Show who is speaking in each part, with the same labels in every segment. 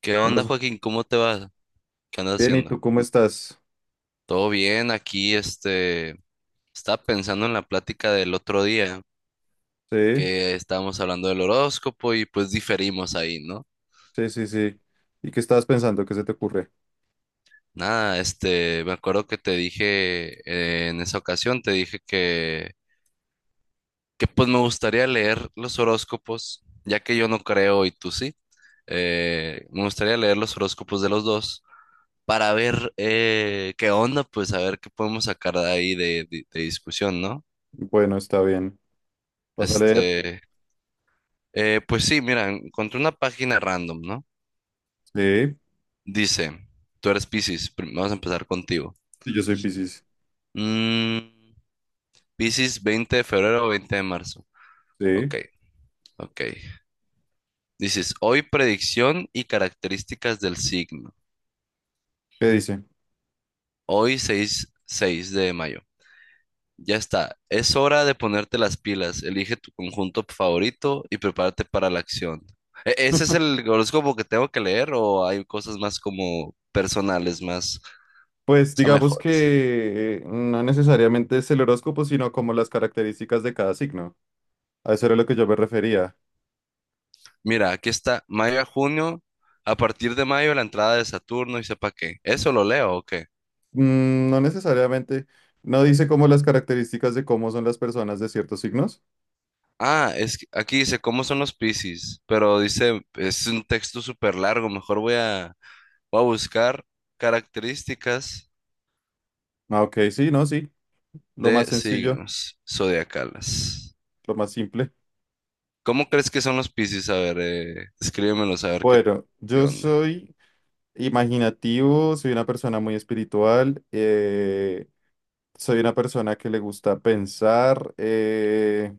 Speaker 1: ¿Qué
Speaker 2: Hola,
Speaker 1: onda,
Speaker 2: Su-
Speaker 1: Joaquín? ¿Cómo te va? ¿Qué andas
Speaker 2: bien, ¿y
Speaker 1: haciendo?
Speaker 2: tú cómo estás?
Speaker 1: Todo bien, aquí estaba pensando en la plática del otro día
Speaker 2: Sí,
Speaker 1: que estábamos hablando del horóscopo y pues diferimos ahí, ¿no?
Speaker 2: sí, sí, sí. ¿Y qué estabas pensando? ¿Qué se te ocurre?
Speaker 1: Nada, me acuerdo que te dije en esa ocasión, que pues me gustaría leer los horóscopos, ya que yo no creo y tú sí. Me gustaría leer los horóscopos de los dos para ver qué onda, pues a ver qué podemos sacar de ahí de discusión, ¿no?
Speaker 2: Bueno, está bien. ¿Vas a leer?
Speaker 1: Este, pues sí, mira, encontré una página random, ¿no?
Speaker 2: Sí,
Speaker 1: Dice, tú eres Piscis, vamos a empezar contigo.
Speaker 2: sí, yo soy Piscis.
Speaker 1: Mm, Piscis, 20 de febrero o 20 de marzo. Ok,
Speaker 2: Sí,
Speaker 1: ok. Dices, hoy predicción y características del signo.
Speaker 2: ¿qué dice?
Speaker 1: Hoy 6 de mayo. Ya está, es hora de ponerte las pilas. Elige tu conjunto favorito y prepárate para la acción. ¿Ese es el horóscopo que tengo que leer o hay cosas más como personales, más...
Speaker 2: Pues
Speaker 1: son
Speaker 2: digamos
Speaker 1: mejores?
Speaker 2: que no necesariamente es el horóscopo, sino como las características de cada signo. A eso era lo que yo me refería.
Speaker 1: Mira, aquí está mayo a junio. A partir de mayo, la entrada de Saturno y sepa qué. ¿Eso lo leo o qué?
Speaker 2: Mm, no necesariamente, no dice como las características de cómo son las personas de ciertos signos.
Speaker 1: Ah, es que aquí dice cómo son los Piscis, pero dice, es un texto súper largo. Voy a buscar características
Speaker 2: Ah, ok, sí, no, sí. Lo
Speaker 1: de
Speaker 2: más sencillo,
Speaker 1: signos zodiacales.
Speaker 2: lo más simple.
Speaker 1: ¿Cómo crees que son los Piscis? A ver, escríbemelos a ver
Speaker 2: Bueno,
Speaker 1: qué
Speaker 2: yo
Speaker 1: onda.
Speaker 2: soy imaginativo, soy una persona muy espiritual, soy una persona que le gusta pensar,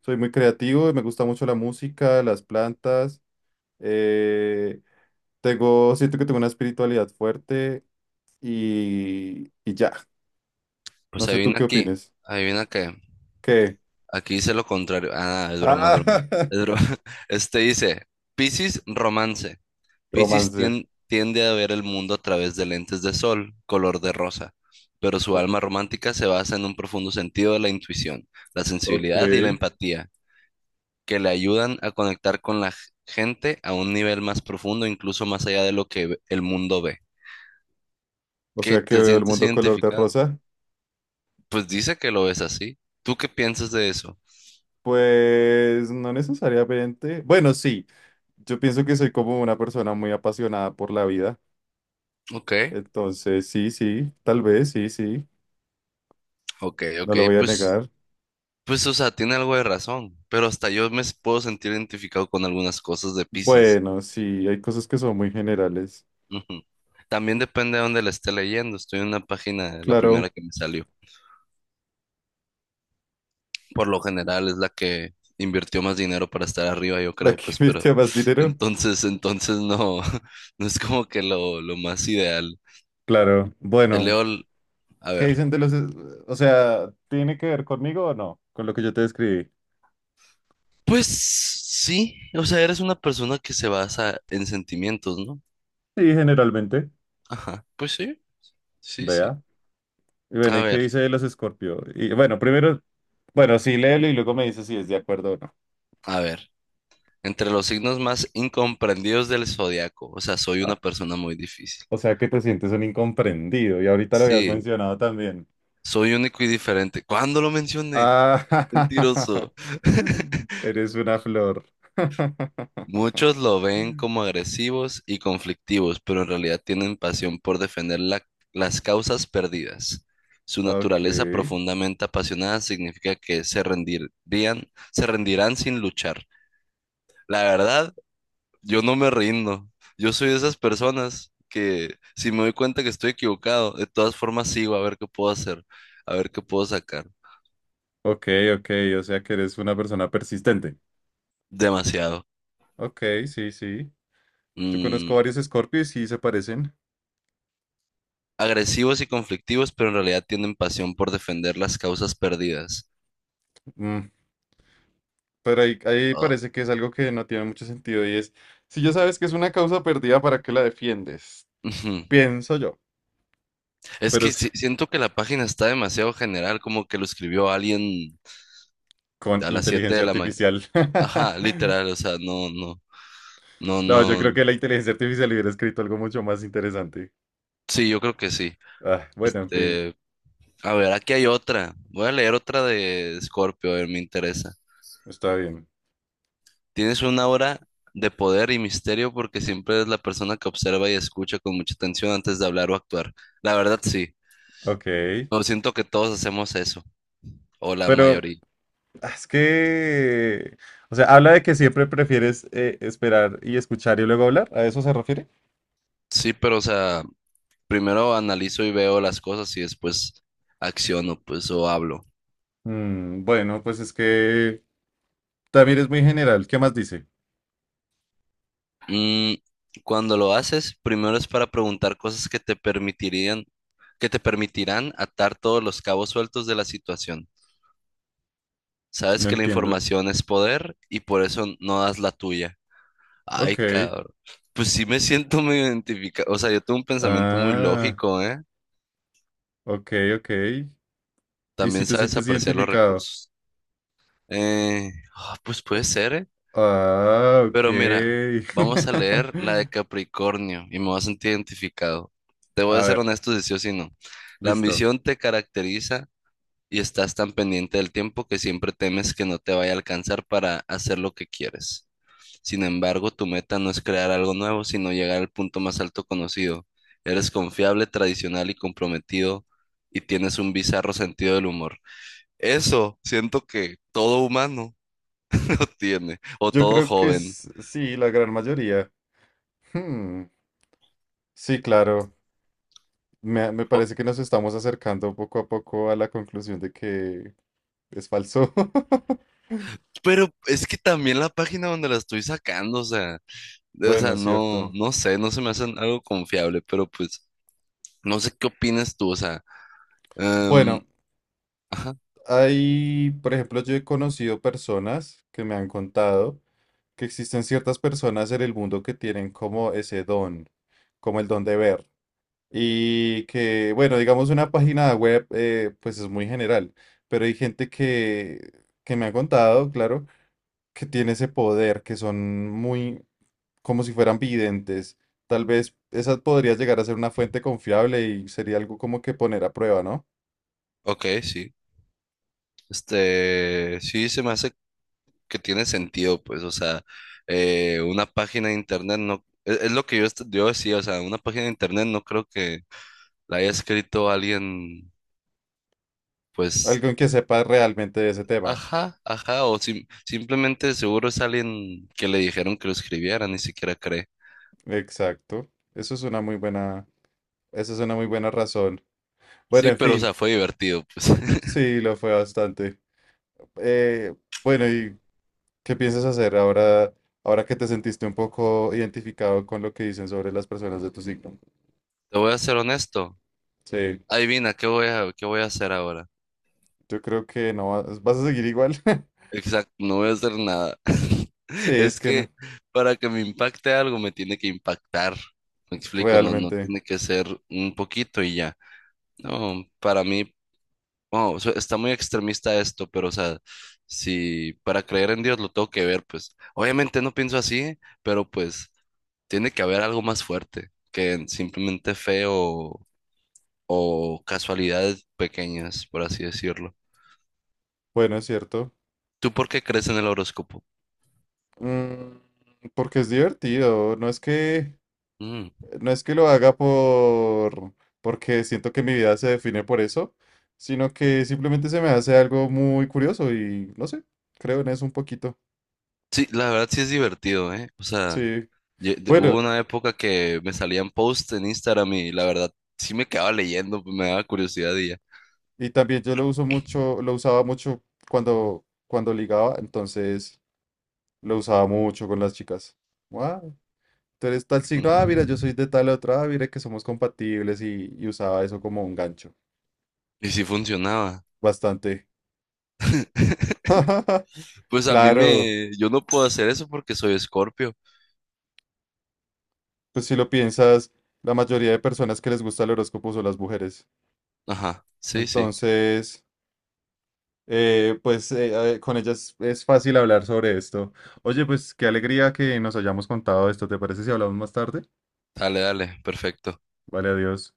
Speaker 2: soy muy creativo y me gusta mucho la música, las plantas, eh, siento que tengo una espiritualidad fuerte y ya, no
Speaker 1: Pues
Speaker 2: sé tú
Speaker 1: adivina
Speaker 2: qué
Speaker 1: aquí,
Speaker 2: opines.
Speaker 1: adivina qué.
Speaker 2: ¿Qué?
Speaker 1: Aquí dice lo contrario. Ah, es broma, es
Speaker 2: Ah,
Speaker 1: broma. Es broma. Este dice, Piscis romance. Piscis
Speaker 2: romance.
Speaker 1: tien- tiende a ver el mundo a través de lentes de sol, color de rosa, pero su
Speaker 2: O-
Speaker 1: alma romántica se basa en un profundo sentido de la intuición, la
Speaker 2: Ok,
Speaker 1: sensibilidad y la empatía, que le ayudan a conectar con gente a un nivel más profundo, incluso más allá de lo que el mundo ve.
Speaker 2: o
Speaker 1: ¿Qué
Speaker 2: sea que
Speaker 1: te
Speaker 2: veo el
Speaker 1: sientes
Speaker 2: mundo color de
Speaker 1: identificado?
Speaker 2: rosa.
Speaker 1: Pues dice que lo ves así. ¿Tú qué piensas de eso?
Speaker 2: Pues no necesariamente. Bueno, sí, yo pienso que soy como una persona muy apasionada por la vida.
Speaker 1: Ok,
Speaker 2: Entonces, sí, sí, tal vez, sí, sí,
Speaker 1: ok,
Speaker 2: no
Speaker 1: ok,
Speaker 2: lo voy a
Speaker 1: pues...
Speaker 2: negar.
Speaker 1: Pues, o sea, tiene algo de razón, pero hasta yo puedo sentir identificado con algunas cosas de Piscis.
Speaker 2: Bueno, sí, hay cosas que son muy generales.
Speaker 1: Ujú. También depende de dónde la esté leyendo. Estoy en una página, la
Speaker 2: Claro,
Speaker 1: primera que me salió. Por lo general es la que invirtió más dinero para estar arriba, yo
Speaker 2: ¿la
Speaker 1: creo,
Speaker 2: que
Speaker 1: pues, pero
Speaker 2: invirtió más dinero?
Speaker 1: entonces, entonces no, no es como que lo más ideal.
Speaker 2: Claro,
Speaker 1: Te
Speaker 2: bueno,
Speaker 1: leo, a
Speaker 2: ¿qué
Speaker 1: ver.
Speaker 2: dicen de los... es- O sea, ¿tiene que ver conmigo o no? Con lo que yo te describí.
Speaker 1: Pues sí, o sea, eres una persona que se basa en sentimientos, ¿no?
Speaker 2: Sí, generalmente,
Speaker 1: Ajá, pues sí, sí, sí.
Speaker 2: vea. Y bueno,
Speaker 1: A
Speaker 2: ¿y qué
Speaker 1: ver,
Speaker 2: dice de los Escorpio? Y bueno, primero, bueno, sí, léelo y luego me dice si es de acuerdo o no.
Speaker 1: a ver. Entre los signos más incomprendidos del zodiaco. O sea, soy una
Speaker 2: Ah.
Speaker 1: persona muy difícil.
Speaker 2: O sea que te sientes un incomprendido y ahorita lo habías
Speaker 1: Sí,
Speaker 2: mencionado también.
Speaker 1: soy único y diferente. ¿Cuándo lo mencioné?
Speaker 2: Ah,
Speaker 1: Mentiroso.
Speaker 2: eres una flor.
Speaker 1: Muchos lo ven como agresivos y conflictivos, pero en realidad tienen pasión por defender las causas perdidas. Su
Speaker 2: Ok,
Speaker 1: naturaleza profundamente apasionada significa que se rendirían, se rendirán sin luchar. La verdad, yo no me rindo. Yo soy de esas personas que si me doy cuenta que estoy equivocado, de todas formas sigo a ver qué puedo hacer, a ver qué puedo sacar.
Speaker 2: ok, ok, o sea que eres una persona persistente.
Speaker 1: Demasiado.
Speaker 2: Ok, sí, sí. Yo conozco
Speaker 1: Mm,
Speaker 2: varios Scorpios y sí se parecen.
Speaker 1: agresivos y conflictivos, pero en realidad tienen pasión por defender las causas perdidas.
Speaker 2: Mm, pero ahí
Speaker 1: Ah,
Speaker 2: parece que es algo que no tiene mucho sentido y es, si ya sabes que es una causa perdida, ¿para qué la defiendes?
Speaker 1: ujú.
Speaker 2: Pienso yo,
Speaker 1: Es
Speaker 2: pero
Speaker 1: que
Speaker 2: sí,
Speaker 1: siento que la página está demasiado general, como que lo escribió alguien
Speaker 2: con
Speaker 1: a las 7
Speaker 2: inteligencia
Speaker 1: de la mañana.
Speaker 2: artificial.
Speaker 1: Ajá, literal, o sea, no, no, no,
Speaker 2: No, yo creo
Speaker 1: no.
Speaker 2: que la inteligencia artificial hubiera escrito algo mucho más interesante.
Speaker 1: Sí, yo creo que sí.
Speaker 2: Ah, bueno, en fin,
Speaker 1: Este, a ver, aquí hay otra. Voy a leer otra de Scorpio, a ver, me interesa.
Speaker 2: está bien.
Speaker 1: Tienes una aura de poder y misterio porque siempre eres la persona que observa y escucha con mucha atención antes de hablar o actuar. La verdad, sí.
Speaker 2: Ok.
Speaker 1: No siento que todos hacemos eso, o la
Speaker 2: Pero
Speaker 1: mayoría.
Speaker 2: ah, es que, o sea, habla de que siempre prefieres esperar y escuchar y luego hablar. ¿A eso se refiere?
Speaker 1: Sí, pero o sea, primero analizo y veo las cosas y después acciono, pues, o hablo.
Speaker 2: Mm, bueno, pues es que también es muy general. ¿Qué más dice?
Speaker 1: Mm, cuando lo haces, primero es para preguntar cosas que te permitirán atar todos los cabos sueltos de la situación. Sabes
Speaker 2: No
Speaker 1: que la
Speaker 2: entiendo.
Speaker 1: información es poder y por eso no das la tuya. Ay,
Speaker 2: Ok.
Speaker 1: cabrón. Pues sí me siento muy identificado. O sea, yo tengo un pensamiento muy
Speaker 2: Ah,
Speaker 1: lógico, ¿eh?
Speaker 2: ok, ok. ¿Y si
Speaker 1: También
Speaker 2: te
Speaker 1: sabes
Speaker 2: sientes
Speaker 1: apreciar los
Speaker 2: identificado?
Speaker 1: recursos. Eh, pues puede ser, ¿eh?
Speaker 2: Ah, ok.
Speaker 1: Pero mira, vamos a leer la de Capricornio y me voy a sentir identificado. Te voy
Speaker 2: A
Speaker 1: a ser
Speaker 2: ver,
Speaker 1: honesto si sí o si no. La
Speaker 2: listo.
Speaker 1: ambición te caracteriza y estás tan pendiente del tiempo que siempre temes que no te vaya a alcanzar para hacer lo que quieres. Sin embargo, tu meta no es crear algo nuevo, sino llegar al punto más alto conocido. Eres confiable, tradicional y comprometido y tienes un bizarro sentido del humor. Eso siento que todo humano lo tiene, o
Speaker 2: Yo
Speaker 1: todo
Speaker 2: creo que
Speaker 1: joven.
Speaker 2: s- sí, la gran mayoría. Hmm, sí, claro. Me
Speaker 1: O-
Speaker 2: parece que nos estamos acercando poco a poco a la conclusión de que es falso.
Speaker 1: Pero es que también la página donde la estoy sacando, o
Speaker 2: Bueno,
Speaker 1: sea,
Speaker 2: es
Speaker 1: no,
Speaker 2: cierto.
Speaker 1: no sé, no se me hace algo confiable, pero pues no sé qué opinas tú, o sea, em,
Speaker 2: Bueno,
Speaker 1: ajá,
Speaker 2: hay, por ejemplo, yo he conocido personas que me han contado que existen ciertas personas en el mundo que tienen como ese don, como el don de ver. Y que, bueno, digamos una página web, pues es muy general, pero hay gente que me ha contado, claro que tiene ese poder, que son muy como si fueran videntes. Tal vez esa podría llegar a ser una fuente confiable y sería algo como que poner a prueba, ¿no?
Speaker 1: ok, sí. Este, sí, se me hace que tiene sentido, pues, o sea, una página de internet no, es lo que yo, yo decía, o sea, una página de internet no creo que la haya escrito alguien, pues,
Speaker 2: Alguien que sepa realmente de ese tema.
Speaker 1: ajá, ajá, o simplemente seguro es alguien que le dijeron que lo escribiera, ni siquiera cree.
Speaker 2: Exacto. Eso es una muy buena, eso es una muy buena razón. Bueno,
Speaker 1: Sí,
Speaker 2: en
Speaker 1: pero, o sea,
Speaker 2: fin,
Speaker 1: fue divertido, pues.
Speaker 2: sí, lo fue bastante. Eh, bueno, ¿y qué piensas hacer ahora, ahora que te sentiste un poco identificado con lo que dicen sobre las personas de tu signo?
Speaker 1: Te voy a ser honesto.
Speaker 2: Sí,
Speaker 1: Adivina, ¿qué voy a hacer ahora?
Speaker 2: yo creo que no vas a seguir igual.
Speaker 1: Exacto, no voy a hacer nada.
Speaker 2: Sí, es
Speaker 1: Es
Speaker 2: que no.
Speaker 1: que para que me impacte algo me tiene que impactar. Me explico, no, no
Speaker 2: Realmente,
Speaker 1: tiene que ser un poquito y ya. No, para mí, está muy extremista esto, pero o sea, si para creer en Dios lo tengo que ver, pues obviamente no pienso así, pero pues tiene que haber algo más fuerte que en simplemente fe o casualidades pequeñas, por así decirlo.
Speaker 2: bueno, es cierto.
Speaker 1: ¿Tú por qué crees en el horóscopo?
Speaker 2: Mm, porque es divertido.
Speaker 1: Mm.
Speaker 2: No es que lo haga por, porque siento que mi vida se define por eso, sino que simplemente se me hace algo muy curioso y no sé, creo en eso un poquito.
Speaker 1: Sí, la verdad sí es divertido, ¿eh? O sea,
Speaker 2: Sí.
Speaker 1: hubo
Speaker 2: Bueno,
Speaker 1: una época que me salían posts en Instagram y la verdad sí me quedaba leyendo, pues me daba curiosidad y ya.
Speaker 2: y también yo lo uso mucho, lo usaba mucho cuando ligaba, entonces lo usaba mucho con las chicas. Wow, tú eres tal signo, ah, mira, yo
Speaker 1: Mm.
Speaker 2: soy de tal otra, ah, mira que somos compatibles y usaba eso como un gancho.
Speaker 1: Y sí funcionaba.
Speaker 2: Bastante.
Speaker 1: Pues a mí
Speaker 2: Claro,
Speaker 1: me... Yo no puedo hacer eso porque soy Escorpio.
Speaker 2: pues si lo piensas, la mayoría de personas que les gusta el horóscopo son las mujeres.
Speaker 1: Ajá, sí, sí.
Speaker 2: Entonces, con ellas es fácil hablar sobre esto. Oye, pues qué alegría que nos hayamos contado esto. ¿Te parece si hablamos más tarde?
Speaker 1: Dale, dale, perfecto.
Speaker 2: Vale, adiós.